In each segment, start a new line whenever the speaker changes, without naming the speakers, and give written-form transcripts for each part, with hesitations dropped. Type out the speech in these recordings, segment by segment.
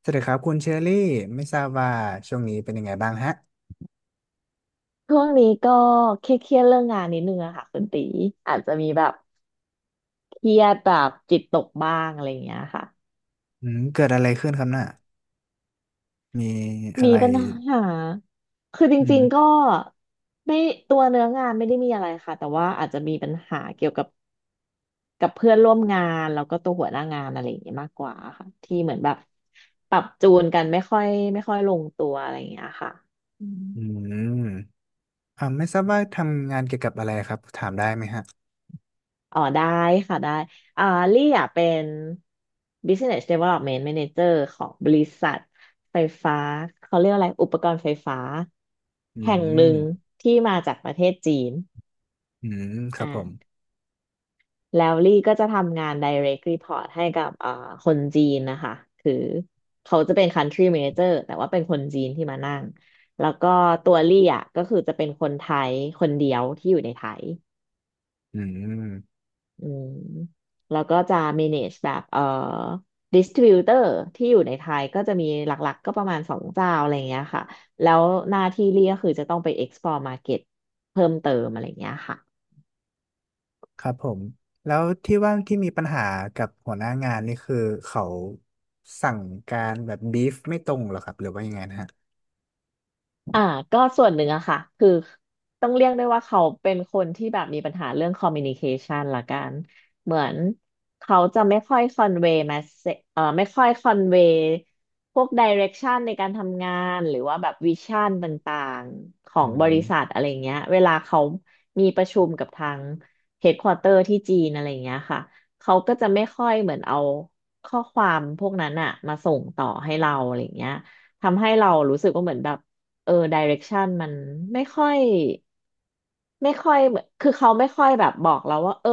สวัสดีครับคุณเชอรี่ไม่ทราบว่าช่วงนี้เป็นยังไงบ้างฮะ
ช่วงนี้ก็เครียดๆเรื่องงานนิดนึงอะค่ะคุณตีอาจจะมีแบบเครียดแบบจิตตกบ้างอะไรอย่างเงี้ยค่ะ
อืมเกิดอะไรขึ้นครับน่ะมีอะ
มี
ไร
ปัญหาคือจ
อื
ริ
ม
งๆก็ไม่ตัวเนื้องานไม่ได้มีอะไรค่ะแต่ว่าอาจจะมีปัญหาเกี่ยวกับเพื่อนร่วมงานแล้วก็ตัวหัวหน้างานอะไรอย่างเงี้ยมากกว่าค่ะที่เหมือนแบบปรับจูนกันไม่ค่อยลงตัวอะไรอย่างเงี้ยค่ะอืม
อืมไม่ทราบว่าทำงานเกี่ยวกับอะไรครับถามได้ไหมฮะ
อ๋อได้ค่ะได้อ่าลี่อ่ะเป็น Business Development Manager ของบริษัทไฟฟ้าเขาเรียกอะไรอุปกรณ์ไฟฟ้า
อื
แห่งหนึ่ง
ม
ที่มาจากประเทศจีน
อืมค
อ
รับผม
่าแล้วลี่ก็จะทำงาน Direct Report ให้กับคนจีนนะคะคือเขาจะเป็น Country Manager แต่ว่าเป็นคนจีนที่มานั่งแล้วก็ตัวลี่อ่ะก็คือจะเป็นคนไทยคนเดียวที่อยู่ในไทย
อืม
อืมแล้วก็จะ manage แบบdistributor ที่อยู่ในไทยก็จะมีหลักๆ ก็ประมาณสองเจ้าอะไรอย่างเงี้ยค่ะ แล้วหน้าที่เรียกคือจะต้องไป export market เพิ่มเติมอะไรอย่างเงี้ยค่ะ
ครับผมแล้วที่ว่าที่มีปัญหากับหัวหน้างานนี่คือเขาสั่งการแบบบีฟไม่ตรงเหรอครับหรือว่ายังไงนะฮะ
อ่าก็ส่วนหนึ่งอะค่ะคือต้องเรียกได้ว่าเขาเป็นคนที่แบบมีปัญหาเรื่องคอมมิวนิเคชันละกันเหมือนเขาจะไม่ค่อยคอนเวย์มาเซเอ่อไม่ค่อยคอนเวย์พวกดิเรกชันในการทำงานหรือว่าแบบวิชั่นต่างๆขอ
อื
งบริ
ม
ษัทอะไรเงี้ยเวลาเขามีประชุมกับทางเฮดควอเตอร์ที่จีนอะไรเงี้ยค่ะเขาก็จะไม่ค่อยเหมือนเอาข้อความพวกนั้นอะมาส่งต่อให้เราอะไรเงี้ยทำให้เรารู้สึกว่าเหมือนแบบ เออดิเรกชันมันไม่ค่อยเหมือนคือเขาไม่ค่อยแบบบอกเราว่าเออ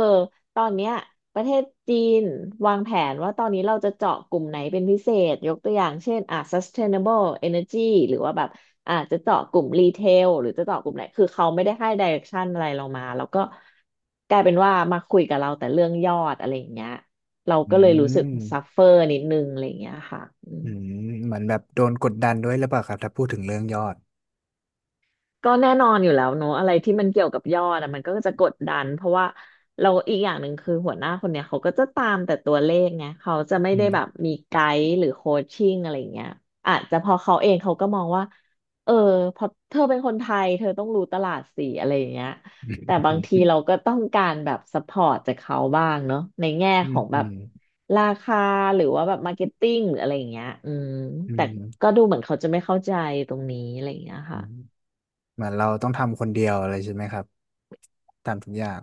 ตอนเนี้ยประเทศจีนวางแผนว่าตอนนี้เราจะเจาะกลุ่มไหนเป็นพิเศษยกตัวอย่างเช่นอ่ะ sustainable energy หรือว่าแบบอ่ะจะเจาะกลุ่มรีเทลหรือจะเจาะกลุ่มไหนคือเขาไม่ได้ให้ดิเรกชันอะไรเรามาแล้วก็กลายเป็นว่ามาคุยกับเราแต่เรื่องยอดอะไรอย่างเงี้ยเรา
อื
ก็เลยรู้สึก
ม
ซัฟเฟอร์นิดนึงอะไรอย่างเงี้ยค่ะอืม
อืมเหมือนแบบโดนกดดันด้วยหรือเปล่าครับถ้าพูดถึงเรื่องยอด
ก็แน่นอนอยู่แล้วเนอะอะไรที่มันเกี่ยวกับยอดอะมันก็จะกดดันเพราะว่าเราอีกอย่างหนึ่งคือหัวหน้าคนเนี้ยเขาก็จะตามแต่ตัวเลขไงเขาจะไม่
อื
ได้แบบ
ม
มีไกด์หรือโคชชิ่งอะไรอย่างเงี้ยอาจจะพอเขาเองเขาก็มองว่าเออพอเธอเป็นคนไทยเธอต้องรู้ตลาดสิอะไรอย่างเงี้ยแต่
อ
บางทีเราก็ต้องการแบบซัพพอร์ตจากเขาบ้างเนอะในแง่
ื
ข
ม
องแบ
อื
บ
ม
ราคาหรือว่าแบบมาร์เก็ตติ้งหรืออะไรอย่างเงี้ยอืม
อื
แต่
ม
ก็ดูเหมือนเขาจะไม่เข้าใจตรงนี้อะไรอย่างเงี้ย
อื
ค่ะ
มเหมือนเราต้องทำคนเดียวอะไรใช่ไหมครับทำทุกอย่าง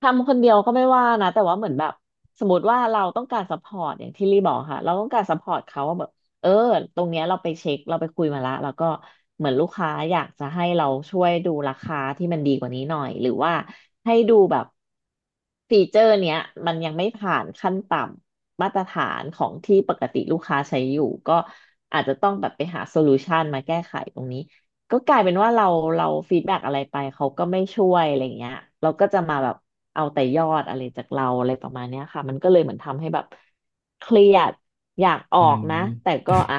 ทำคนเดียวก็ไม่ว่านะแต่ว่าเหมือนแบบสมมติว่าเราต้องการซัพพอร์ตอย่างที่ลี่บอกค่ะเราต้องการซัพพอร์ตเขาว่าแบบเออตรงเนี้ยเราไปเช็คเราไปคุยมาละแล้วก็เหมือนลูกค้าอยากจะให้เราช่วยดูราคาที่มันดีกว่านี้หน่อยหรือว่าให้ดูแบบฟีเจอร์เนี้ยมันยังไม่ผ่านขั้นต่ำมาตรฐานของที่ปกติลูกค้าใช้อยู่ก็อาจจะต้องแบบไปหาโซลูชันมาแก้ไขตรงนี้ ก็กลายเป็นว่าเราฟีดแบ็กอะไรไปเขาก็ไม่ช่วยอะไรเงี้ยเราก็จะมาแบบเอาแต่ยอดอะไรจากเราอะไรประมาณเนี้ยค่ะมันก็เลยเหมือนทำให้แบบเครียดอยากออ
อื
กนะแต่
ม
ก็อ่ะ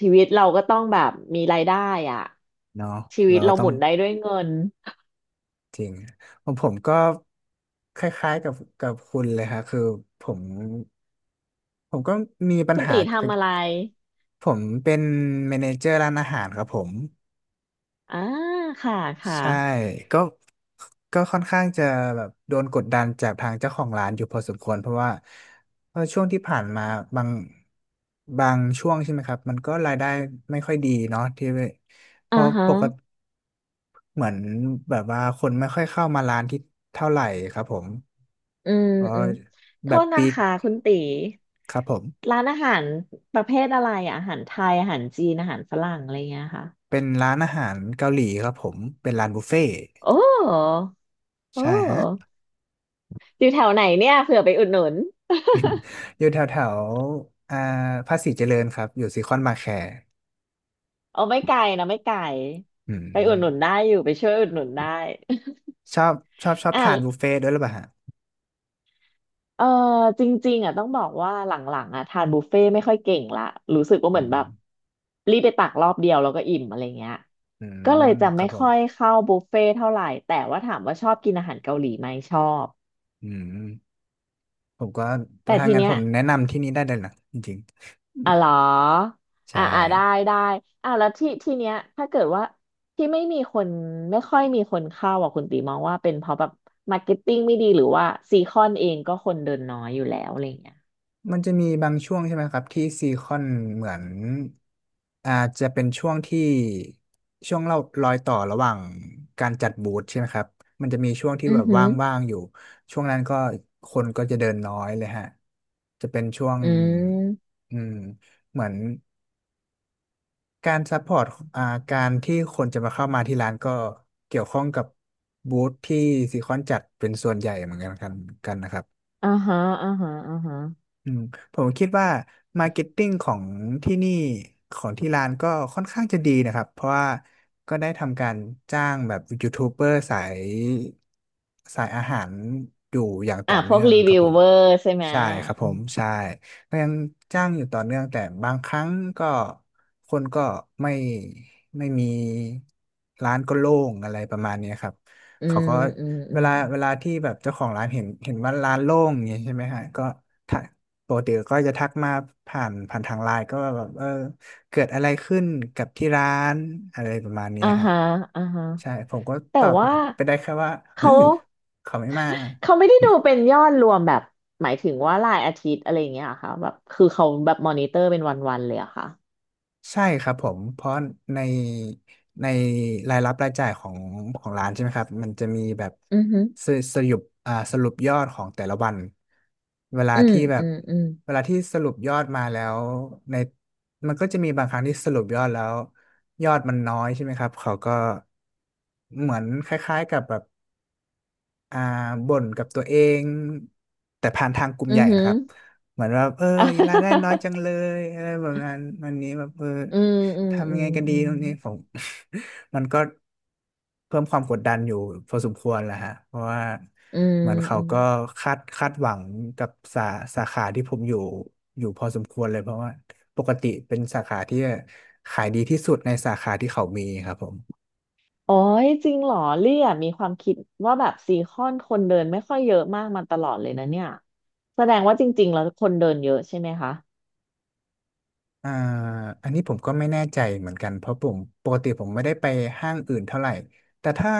ชีวิตเราก็ต้องแบบมีรายได้อ่ะ
เนาะ
ชีวิต
เราก็
เรา
ต้
ห
อง
มุนได้ด้วยเงิน
จริงของผมก็คล้ายๆกับคุณเลยครับคือผมผมก็มีปัญ
คุณ
หา
ตี
กับ
ทำอะไร
ผมเป็นแมเนเจอร์ร้านอาหารครับผม
อ่าค่ะค่ะ
ใช่ก็ก็ค่อนข้างจะแบบโดนกดดันจากทางเจ้าของร้านอยู่พอสมควรเพราะว่าช่วงที่ผ่านมาบางบางช่วงใช่ไหมครับมันก็รายได้ไม่ค่อยดีเนาะที่เพ
อ่า
ราะ
ฮะ
ปกติเหมือนแบบว่าคนไม่ค่อยเข้ามาร้านที่เท่าไหร่ครับผม
อืม
เพ
อืม
ราะ
โท
แบบ
ษนะ
ปีก
คะคุณตี
ครับผม
ร้านอาหารประเภทอะไรอะอาหารไทยอาหารจีนอาหารฝรั่งอะไรเงี้ยค่ะ
เป็นร้านอาหารเกาหลีครับผมเป็นร้านบุฟเฟ่ต์
โอ้โอ
ใช่ฮะ
้อยู่แถวไหนเนี่ยเผื่อไปอุดหนุน
อยู่แถวแถวอ่าภาษีเจริญครับอยู่ซีคอนมาแคร์
เอาไม่ไกลนะไม่ไกล
อืม
ไปอุดหนุนได้อยู่ไปช่วยอุดหนุนได้
ชอบชอบชอบ
อ่ะ
ทานบุฟเฟ่ต์ด้วยหรือเปล่าฮะ
เออจริงๆอ่ะต้องบอกว่าหลังๆอ่ะทานบุฟเฟ่ต์ไม่ค่อยเก่งละรู้สึกว่าเห
อื
มือนแบ
ม
บรีบไปตักรอบเดียวแล้วก็อิ่มอะไรเงี้ย
อื
ก็เลย
ม
จะ
ครั
ไม่
บผม
ค่อยเข้าบุฟเฟ่ต์เท่าไหร่แต่ว่าถามว่าชอบกินอาหารเกาหลีไหมชอบ
อืมผมก็
แต่
ถ้า
ที
งั้น
เนี้
ผ
ย
มแนะนำที่นี้ได้เลยนะจริง
อ่ะเหรอ
ๆ
อ่า
ใช่
อ่าได้ได้แล้วที่เนี้ยถ้าเกิดว่าที่ไม่มีคนไม่ค่อยมีคนเข้าอ่ะคุณตีมองว่าเป็นเพราะแบบมาร์เก็ตติ้งไม่ดีหรือว่าซีคอนเองก็คนเดินน้อยอยู่แล้วอะไรเงี้ย
มันจะมีบางช่วงใช่ไหมครับที่ซีคอนเหมือนอาจจะเป็นช่วงที่ช่วงเรารอยต่อระหว่างการจัดบูธใช่ไหมครับมันจะมีช่วงที่
อื
แบ
อ
บ
หือ
ว่างๆอยู่ช่วงนั้นก็คนก็จะเดินน้อยเลยฮะจะเป็นช่วง
อืม
อืมเหมือนการซัพพอร์ตอ่าการที่คนจะมาเข้ามาที่ร้านก็เกี่ยวข้องกับบูธที่ซีคอนจัดเป็นส่วนใหญ่เหมือนกันกันนะครับ
อ่าฮะอ่าฮะอ่าฮะ
อืมผมคิดว่ามาร์เก็ตติ้งของที่นี่ของที่ร้านก็ค่อนข้างจะดีนะครับเพราะว่าก็ได้ทำการจ้างแบบยูทูบเบอร์สายสายอาหารอยู่อย่างต่
อ่ะ
อ
พ
เนื่
วก
อง
รี
ครั
วิ
บ
ว
ผม
เวอร์ใช่ไหม
ใช่ครับผ
อื
ม
ม
ใช่ก็ยังจ้างอยู่ต่อเนื่องแต่บางครั้งก็คนก็ไม่ไม่มีร้านก็โล่งอะไรประมาณเนี้ยครับ
อื
เขา
ม
ก็
อืมอื
เว
ม
ลาเวลาที่แบบเจ้าของร้านเห็นว่าร้านโล่งอย่างเงี้ยใช่ไหมฮะก็ ปกติก็จะทักมาผ่านทางไลน์ก็ว่าแบบเออเกิดอะไรขึ้นกับที่ร้านอะไรประมาณเนี้ย
อ่า
ฮะ
ฮะอ่าฮะ
ใช่ผมก็
แต่
ตอบ
ว่า
ไปได้แค่ว่า
เขา
เขาไม่มา
เขาไม่ได้ดูเป็นยอดรวมแบบหมายถึงว่ารายอาทิตย์อะไรอย่างเงี้ยเหรอค่ะแบบคือเขาแบบมอนิเตอร์เป็นวันๆเลยเหรอะค่ะ
ใช่ครับผมเพราะในในรายรับรายจ่ายของของร้านใช่ไหมครับมันจะมีแบบ
อือหือ
สสรุปอ่าสรุปยอดของแต่ละวันเวลา
อืม
ที่แบ
อื
บ
มอืม
เวลาที่สรุปยอดมาแล้วในมันก็จะมีบางครั้งที่สรุปยอดแล้วยอดมันน้อยใช่ไหมครับเขาก็เหมือนคล้ายๆกับแบบ อ่าบ่นกับตัวเองแต่ผ่านทางกลุ่ม
อื
ให
อ
ญ่
หื
นะ
อ
ครับเหมือนว่าเออรายได้น้อยจังเล ยอะไรแบบนั้นวันนี้แบบเออ
อืมอืม
ทำ
อื
ยัง
ม
ไงกันดี
อืม
ตรงนี้ผม มันก็เพิ่มความกดดันอยู่พอสมควรแหละฮะเพราะว่า
อืม
เหมือนเขา
อืม
ก็คาดหวังกับสาสาขาที่ผมอยู่อยู่พอสมควรเลยเพราะว่าปกติเป็นสาขาที่ขายดีที่สุดในสาขาที่เขามีครับผม
โอ้ยจริงเหรอเลี่ยมีความคิดว่าแบบซีคอนคนเดินไม่ค่อยเยอะมากมาตลอดเลยนะเนี่ยแสดงว่าจริงๆแล้วคนเดินเยอะใช่ไหมคะ
อ่าอันนี้ผมก็ไม่แน่ใจเหมือนกันเพราะผมปกติผมไม่ได้ไปห้างอื่นเท่าไหร่แต่ถ้า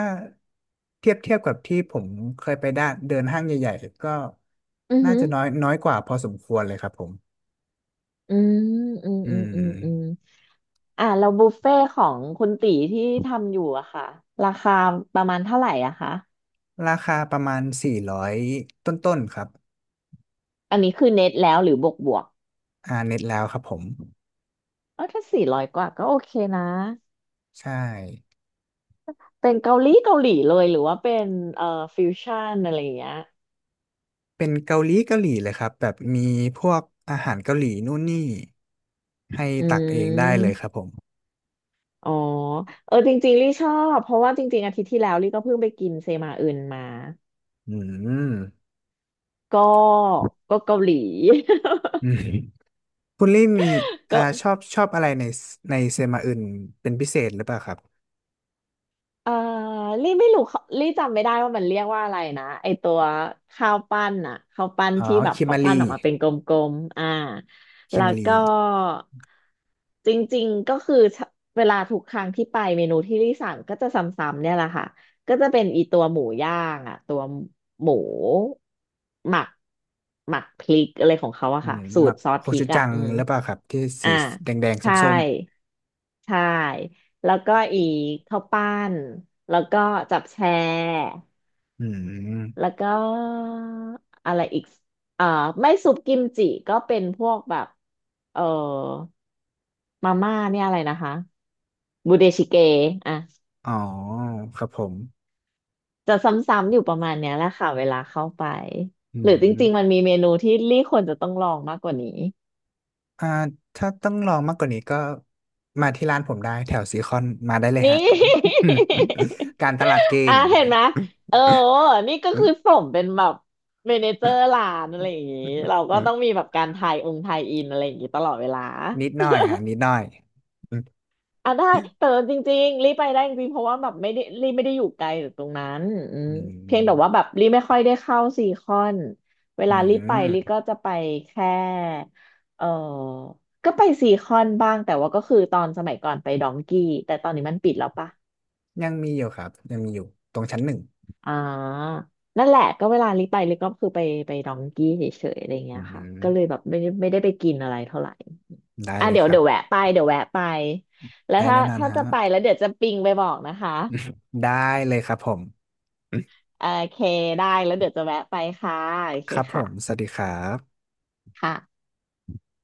เทียบกับที่ผมเคยไปด้านเดินห้างใหญ่ๆก็
อือ
น่า
หือ
จะน้อยน้อยกว่าพอสมควรเลยครับผม
อืมอืม
อื
อืมอืมอืม
ม
อ่ะแล้วบุฟเฟ่ของคุณตีที่ทำอยู่อะค่ะราคาประมาณเท่าไหร่อะคะ
ราคาประมาณ400ต้นๆครับ
อันนี้คือเน็ตแล้วหรือบวก
เน็ตแล้วครับผม
เออถ้าสี่ร้อยกว่าก็โอเคนะ
ใช่
เป็นเกาหลีเกาหลีเลยหรือว่าเป็นเอ่อฟิวชั่นอะไรอย่างเงี้ย
เป็นเกาหลีเกาหลีเลยครับแบบมีพวกอาหารเกาหลีนู่นนี่ให้
อื
ตักเองได้เลยครับ
ม
ผม
อ๋อเออจริงๆลี่ชอบเพราะว่าจริงๆอาทิตย์ที่แล้วลี่ก็เพิ่งไปกินเซมาอึนมา
อืม
ก็ก็ เกาหลี
อืม คุณลี่มี
ก็
ชอบอะไรในเซมาอื่นเป็นพิเศษหรือเปล่าครับ
เอ่อลี่ไม่รู้เขาลี่จำไม่ได้ว่ามันเรียกว่าอะไรนะไอตัวข้าวปั้น
อ๋อ
ที่แบบ
คิ
เขา
มารี
ปั้นออกมาเป็นกลมๆอ่า
คิ
แล้ว
มารี
ก็จริงๆก็คือเวลาทุกครั้งที่ไปเมนูที่ลี่สั่งก็จะซ้ำๆเนี่ยแหละค่ะก็จะเป็นอีตัวหมูย่างอะตัวหมูหมักพริกอะไรของเขาอะ
อื
ค่ะ
ม
สู
หมั
ตร
ก
ซอส
โค
พริ
ชู
ก
จั
อะ
ง
อืม
หรือเปล่าครับที่สี
อ่า
แดง
ใช่
ส้ม
ใช่ แล้วก็อีกข้าวปั้น แล้วก็จับแชร์
ๆอืม
แล้วก็อะไรอีกเอ่อไม่ซุปกิมจิก็เป็นพวกแบบเอ่อมาม่าเนี่ยอะไรนะคะบูเดชิเกอ่ะ
อ๋อครับผม
จะซ้ำๆอยู่ประมาณเนี้ยแหละค่ะเวลาเข้าไป
อื
หรือจริงๆมัน
ม
มีเมนูที่ลี่ควรจะต้องลองมากกว่านี้
อ่าถ้าต้องลองมากกว่านี้ก็มาที่ร้านผมได้แถวซีคอนมาได้เลย
นี่
ฮะ การตลาดเก่
อ่ะ
ง
เห็นไหม เออนี่ก็คือสมเป็นแบบเมเนเจอร์ร้านอะไรอย่างงี้เราก็ต้องมีแบบการทายองค์ทายอินอะไรอย่างงี้ตลอดเวลา
นิดหน่อยฮะนิดหน่อยอืม
อ่ะได้แต่จริงๆรีบไปได้จริงๆเพราะว่าแบบไม่ได้อยู่ไกลจากตรงนั้นอืมเพียงแต่ว่าแบบรีบไม่ค่อยได้เข้าซีคอนเว
อื
ลารีบไปรีบก็
ม
จะไปแค่เออก็ไปซีคอนบ้างแต่ว่าก็คือตอนสมัยก่อนไปดองกี้แต่ตอนนี้มันปิดแล้วปะ
ยังมีอยู่ครับยังมีอยู่ตรงชั้น 1
อ่านั่นแหละก็เวลาลิไปลิก็คือไปดองกี้เฉยๆอะไร
อื
เงี้ยค่ะก็เลย
ม
แบบไม่ได้ไปกินอะไรเท่าไหร่
ได้
อ่ะ
เลยครับ
เดี๋ยวแวะไป แล้ว
ได้
ถ้า
แน่นอน
ถ้า
ฮะ
จะไปแล้วเดี๋ยวจะปิงไปบอกนะคะ
ได้เลยครับผม
โอเคได้แล้วเดี๋ยวจะแวะไปค่ะโอเค
ครับผมส
ค่ะ
วัสดีครับ
ค่ะ